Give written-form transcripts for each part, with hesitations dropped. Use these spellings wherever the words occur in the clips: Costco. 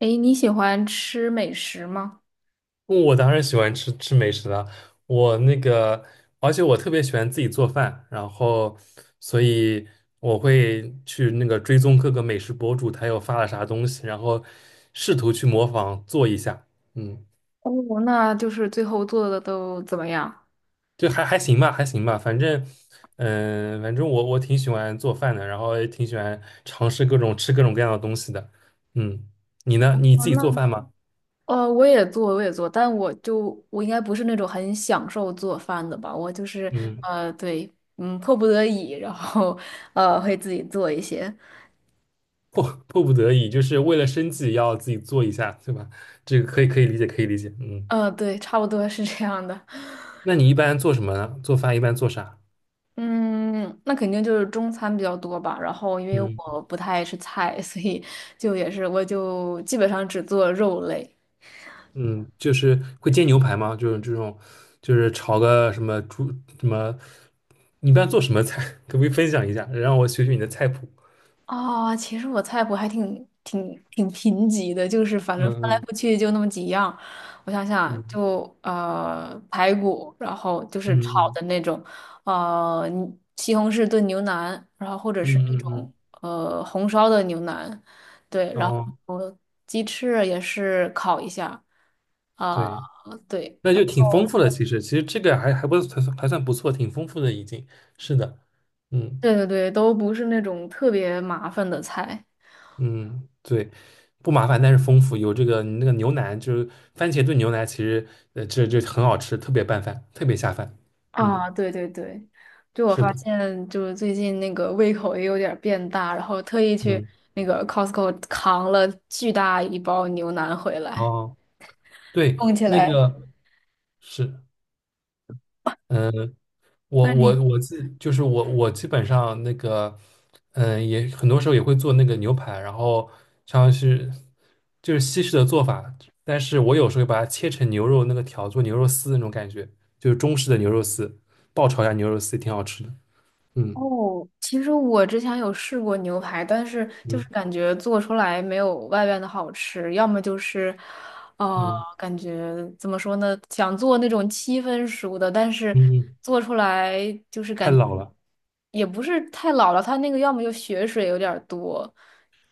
哎，你喜欢吃美食吗？我当然喜欢吃美食了，我那个，而且我特别喜欢自己做饭，然后，所以我会去那个追踪各个美食博主，他又发了啥东西，然后试图去模仿做一下，嗯，哦，那就是最后做的都怎么样？就还行吧，反正，反正我挺喜欢做饭的，然后也挺喜欢尝试各种吃各种各样的东西的，嗯，你呢？你哦，自己那做饭吗？我也做，但我就我应该不是那种很享受做饭的吧，我就是嗯。呃，对。嗯，迫不得已，然后会自己做一些。迫迫不得已，就是为了生计要自己做一下，对吧？这个可以理解，可以理解。嗯，呃，对，差不多是这样的。那你一般做什么呢？做饭一般做啥？嗯，那肯定就是中餐比较多吧，然后因为嗯我不太爱吃菜，所以就也是我就基本上只做肉类。嗯，就是会煎牛排吗？就是这种，就是炒个什么猪什么，你一般做什么菜？可不可以分享一下，让我学学你的菜谱？啊、其实我菜谱还挺贫瘠的，就是反正翻来嗯覆去就那么几样。我想想，嗯就排骨，然后就嗯是炒嗯的嗯那种。你西红柿炖牛腩，然后或者是那嗯种嗯红烧的牛腩。对，嗯，然哦，后鸡翅也是烤一下。啊、对，对。那就挺丰富的。其实这个还算不错，挺丰富的已经。是的，嗯。对对对，都不是那种特别麻烦的菜。嗯，对，不麻烦，但是丰富。有这个你那个牛腩，就是番茄炖牛腩，其实这这很好吃，特别拌饭，特别下饭。嗯，啊，对对对，就我是发的，现，就是最近那个胃口也有点儿变大，然后特意去嗯，那个 Costco 扛了巨大一包牛腩回来，哦，对，供起那来。个是，嗯，我那你我我自就是我基本上那个，嗯，也很多时候也会做那个牛排，然后像是就是西式的做法，但是我有时候会把它切成牛肉那个条，做牛肉丝那种感觉，就是中式的牛肉丝，爆炒一下牛肉丝也挺好吃的。嗯哦，其实我之前有试过牛排，但是就是嗯感觉做出来没有外边的好吃，要么就是，呃，嗯感觉怎么说呢，想做那种七分熟的，但是嗯，嗯，做出来就是太感老了。也不是太老了，它那个要么就血水有点儿多。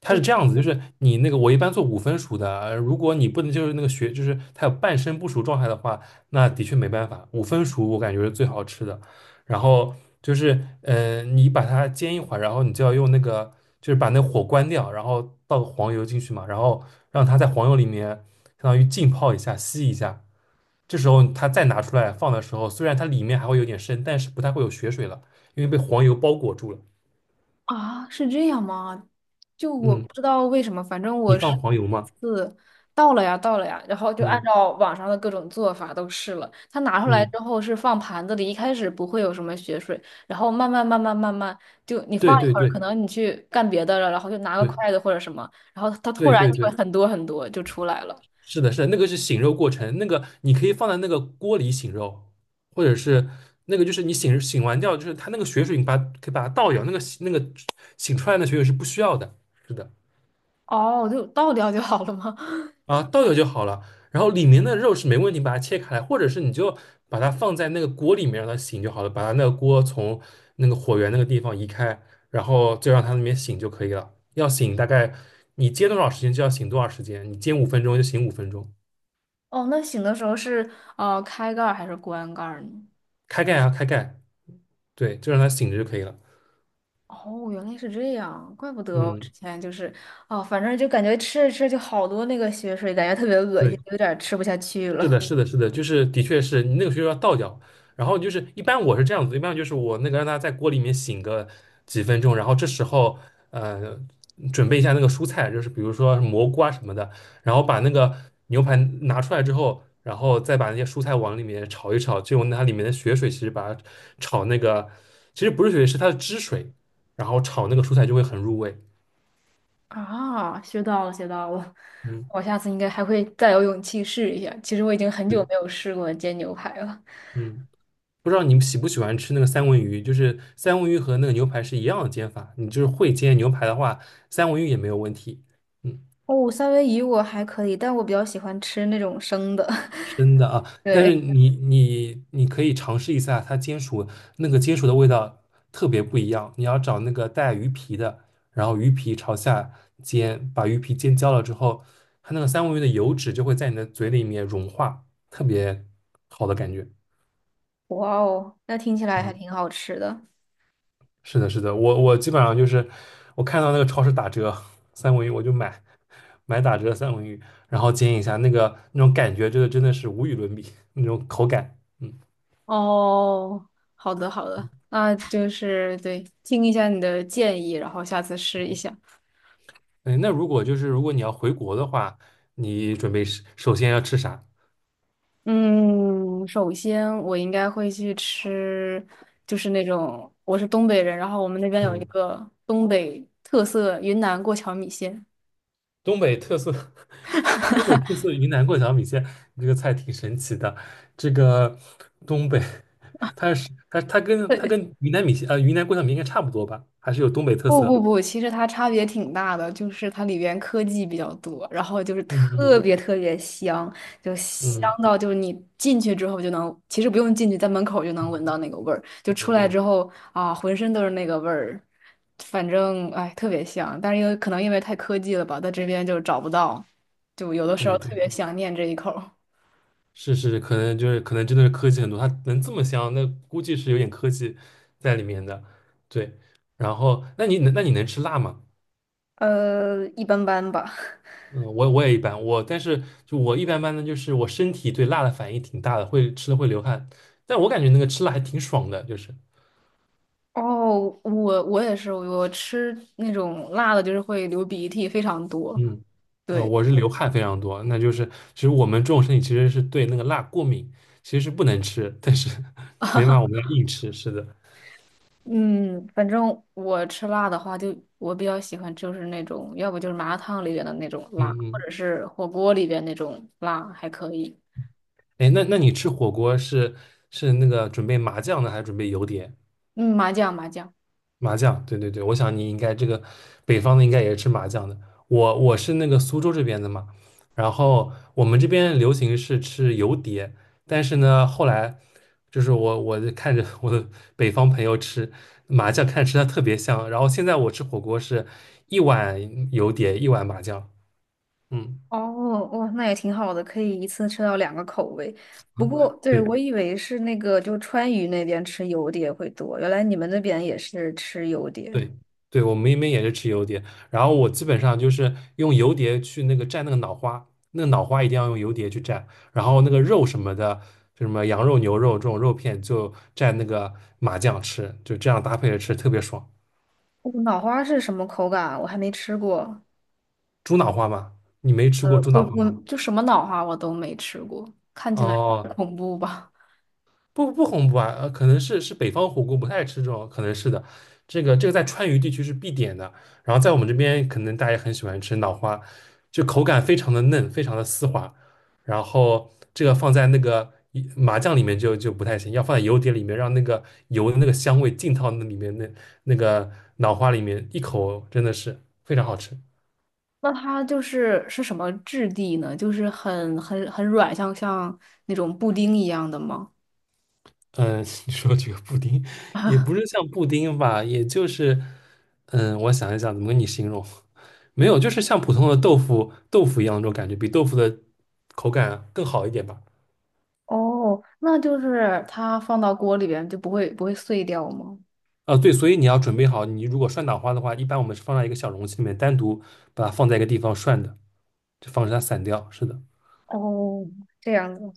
它是这样子，就是你那个我一般做五分熟的，如果你不能就是那个血，就是它有半生不熟状态的话，那的确没办法。五分熟我感觉是最好吃的。然后就是，你把它煎一会儿，然后你就要用那个，就是把那火关掉，然后倒个黄油进去嘛，然后让它在黄油里面相当于浸泡一下、吸一下。这时候它再拿出来放的时候，虽然它里面还会有点生，但是不太会有血水了，因为被黄油包裹住了。啊，是这样吗？就我不嗯，知道为什么，反正你我是放黄一油吗？次到了呀，到了呀，然后就按嗯照网上的各种做法都试了。它拿出来嗯，之后是放盘子里，一开始不会有什么血水，然后慢慢，就你对放一对，会儿，可对能你去干别的了，然后就拿个筷子或者什么，然后它突对然对对就对，会很多很多就出来了。是的，是的，那个是醒肉过程，那个你可以放在那个锅里醒肉，或者是那个就是你醒完掉，就是它那个血水，你把可以把它倒掉，那个醒出来的血水是不需要的，是的。哦，就倒掉就好了吗？啊，倒掉就好了。然后里面的肉是没问题，把它切开来，或者是你就把它放在那个锅里面让它醒就好了，把它那个锅从那个火源那个地方移开，然后就让它那边醒就可以了。要醒大概你煎多少时间就要醒多少时间，你煎五分钟就醒五分钟，哦，那醒的时候是开盖儿还是关盖儿呢？开盖，对，就让它醒着就可以了。哦，原来是这样，怪不得我之嗯，前就是，哦，反正就感觉吃着吃着就好多那个血水，感觉特别恶心，对。有点儿吃不下去是了。的，是的，是的，就是的确是你那个学校要倒掉，然后就是一般我是这样子，一般就是我那个让它在锅里面醒个几分钟，然后这时候呃准备一下那个蔬菜，就是比如说蘑菇啊什么的，然后把那个牛排拿出来之后，然后再把那些蔬菜往里面炒一炒，就用它里面的血水，其实把它炒那个其实不是血水，是它的汁水，然后炒那个蔬菜就会很入味。啊，学到了，学到了，嗯，我下次应该还会再有勇气试一下。其实我已经很久对，没有试过煎牛排了。嗯。不知道你们喜不喜欢吃那个三文鱼，就是三文鱼和那个牛排是一样的煎法，你就是会煎牛排的话，三文鱼也没有问题。嗯，哦，三文鱼我还可以，但我比较喜欢吃那种生的。那啊，但对。是你可以尝试一下它煎熟那个煎熟的味道特别不一样，你要找那个带鱼皮的，然后鱼皮朝下煎，把鱼皮煎焦了之后，它那个三文鱼的油脂就会在你的嘴里面融化，特别好的感觉。哇哦，那听起来还嗯。挺好吃的。是的，我基本上就是我看到那个超市打折三文鱼，我就买打折的三文鱼，然后煎一下，那个那种感觉，真的是无与伦比，那种口感。嗯，哦，好的好的，那就是对，听一下你的建议，然后下次试一下。哎，那如果就是如果你要回国的话，你准备是首先要吃啥？嗯，首先我应该会去吃，就是那种我是东北人，然后我们那边有一嗯，个东北特色云南过桥米线。东北特色，东北特色云南过桥米线，这个菜挺神奇的。这个东北，它是它它跟它跟 云南米线云南过桥米线应该差不多吧？还是有东北特不色。不不，其实它差别挺大的，就是它里边科技比较多，然后就是嗯特嗯别特别香，就香嗯。到就是你进去之后就能，其实不用进去，在门口就能闻到那个味儿，就出来嗯，之后啊，浑身都是那个味儿，反正哎特别香，但是因为可能因为太科技了吧，在这边就找不到，就有的时候对对特别对，想念这一口儿。是是，可能就是可能真的是科技很多，它能这么香，那估计是有点科技在里面的。对，然后那你能吃辣吗？一般般吧。嗯，我也一般，我但是就我一般般的，就是我身体对辣的反应挺大的，会吃的会流汗，但我感觉那个吃辣还挺爽的，就是哦，我我也是，我吃那种辣的，就是会流鼻涕，非常多。嗯对。我是流汗非常多，那就是其实我们这种身体其实是对那个辣过敏，其实是不能吃，但是 没办法，我们要硬吃，是的，嗯，反正我吃辣的话就，我比较喜欢就是那种，要不就是麻辣烫里边的那种嗯辣，或者嗯。是火锅里边那种辣，还可以。哎，那你吃火锅是是那个准备麻酱的，还是准备油碟？嗯，麻酱麻酱。麻酱，对，我想你应该这个北方的应该也是吃麻酱的。我是那个苏州这边的嘛，然后我们这边流行是吃油碟，但是呢，后来就是我就看着我的北方朋友吃麻酱，看着吃的特别香，然后现在我吃火锅是一碗油碟，一碗麻酱，嗯，哦。哦，那也挺好的，可以一次吃到两个口味。不 过，对，对我以为是那个，就川渝那边吃油碟会多，原来你们那边也是吃油碟。对，对，我们那边也是吃油碟，然后我基本上就是用油碟去那个蘸那个脑花，那个脑花一定要用油碟去蘸，然后那个肉什么的，就什么羊肉、牛肉这种肉片就蘸那个麻酱吃，就这样搭配着吃特别爽。哦脑花是什么口感啊我还没吃过。猪脑花吗？你没吃过猪脑我花我吗？就什么脑花我都没吃过，看起来哦，恐怖吧？不啊，可能是是北方火锅不太吃这种，可能是的。这个在川渝地区是必点的，然后在我们这边可能大家也很喜欢吃脑花，就口感非常的嫩，非常的丝滑。然后这个放在那个一麻酱里面就不太行，要放在油碟里面，让那个油的那个香味浸到那里面那个脑花里面，一口真的是非常好吃。那它就是是什么质地呢？就是很软，像那种布丁一样的吗？嗯，你说这个布丁，也不是像布丁吧，也就是，嗯，我想一想怎么跟你形容，没有，就是像普通的豆腐一样那种感觉，比豆腐的口感更好一点吧。哦，那就是它放到锅里边就不会碎掉吗？啊，对，所以你要准备好，你如果涮脑花的话，一般我们是放在一个小容器里面，单独把它放在一个地方涮的，就防止它散掉。是的，哦，这样子。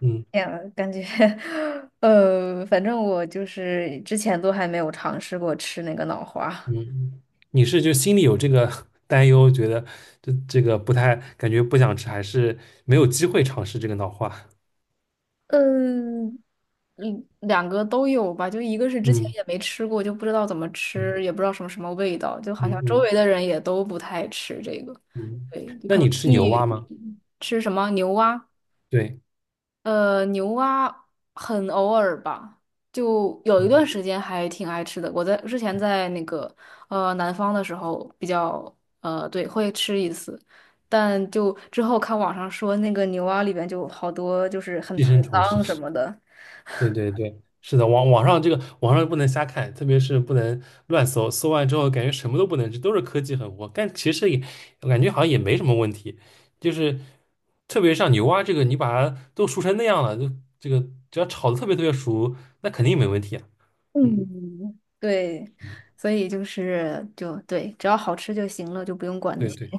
嗯哎呀，感觉，反正我就是之前都还没有尝试过吃那个脑花。嗯，嗯，你是就心里有这个 担忧，觉得这个不太感觉不想吃，还是没有机会尝试这个脑花？嗯，嗯两个都有吧，就一个是之前嗯也没吃过，就不知道怎么嗯。吃，也不知道什么什么味道，就嗯好像周嗯围的人也都不太吃这个。嗯，那你吃牛蛙吗？吃什么牛蛙？对，牛蛙很偶尔吧，就有一段时间还挺爱吃的。我在之前在那个南方的时候比较对会吃一次，但就之后看网上说那个牛蛙里边就好多就是很寄生虫脏什是，么的。对，是的，网上这个网上不能瞎看，特别是不能乱搜，搜完之后感觉什么都不能吃，都是科技狠活，但其实也我感觉好像也没什么问题，就是特别像牛蛙这个，你把它都熟成那样了，就这个只要炒的特别熟，那肯定没问题啊。嗯，嗯，对，所以就是就对，只要好吃就行了，就不用管那对些。对，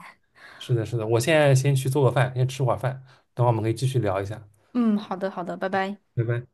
是的，是的，我现在先去做个饭，先吃会儿饭，等会儿我们可以继续聊一下。嗯，好的好的，拜拜。拜拜。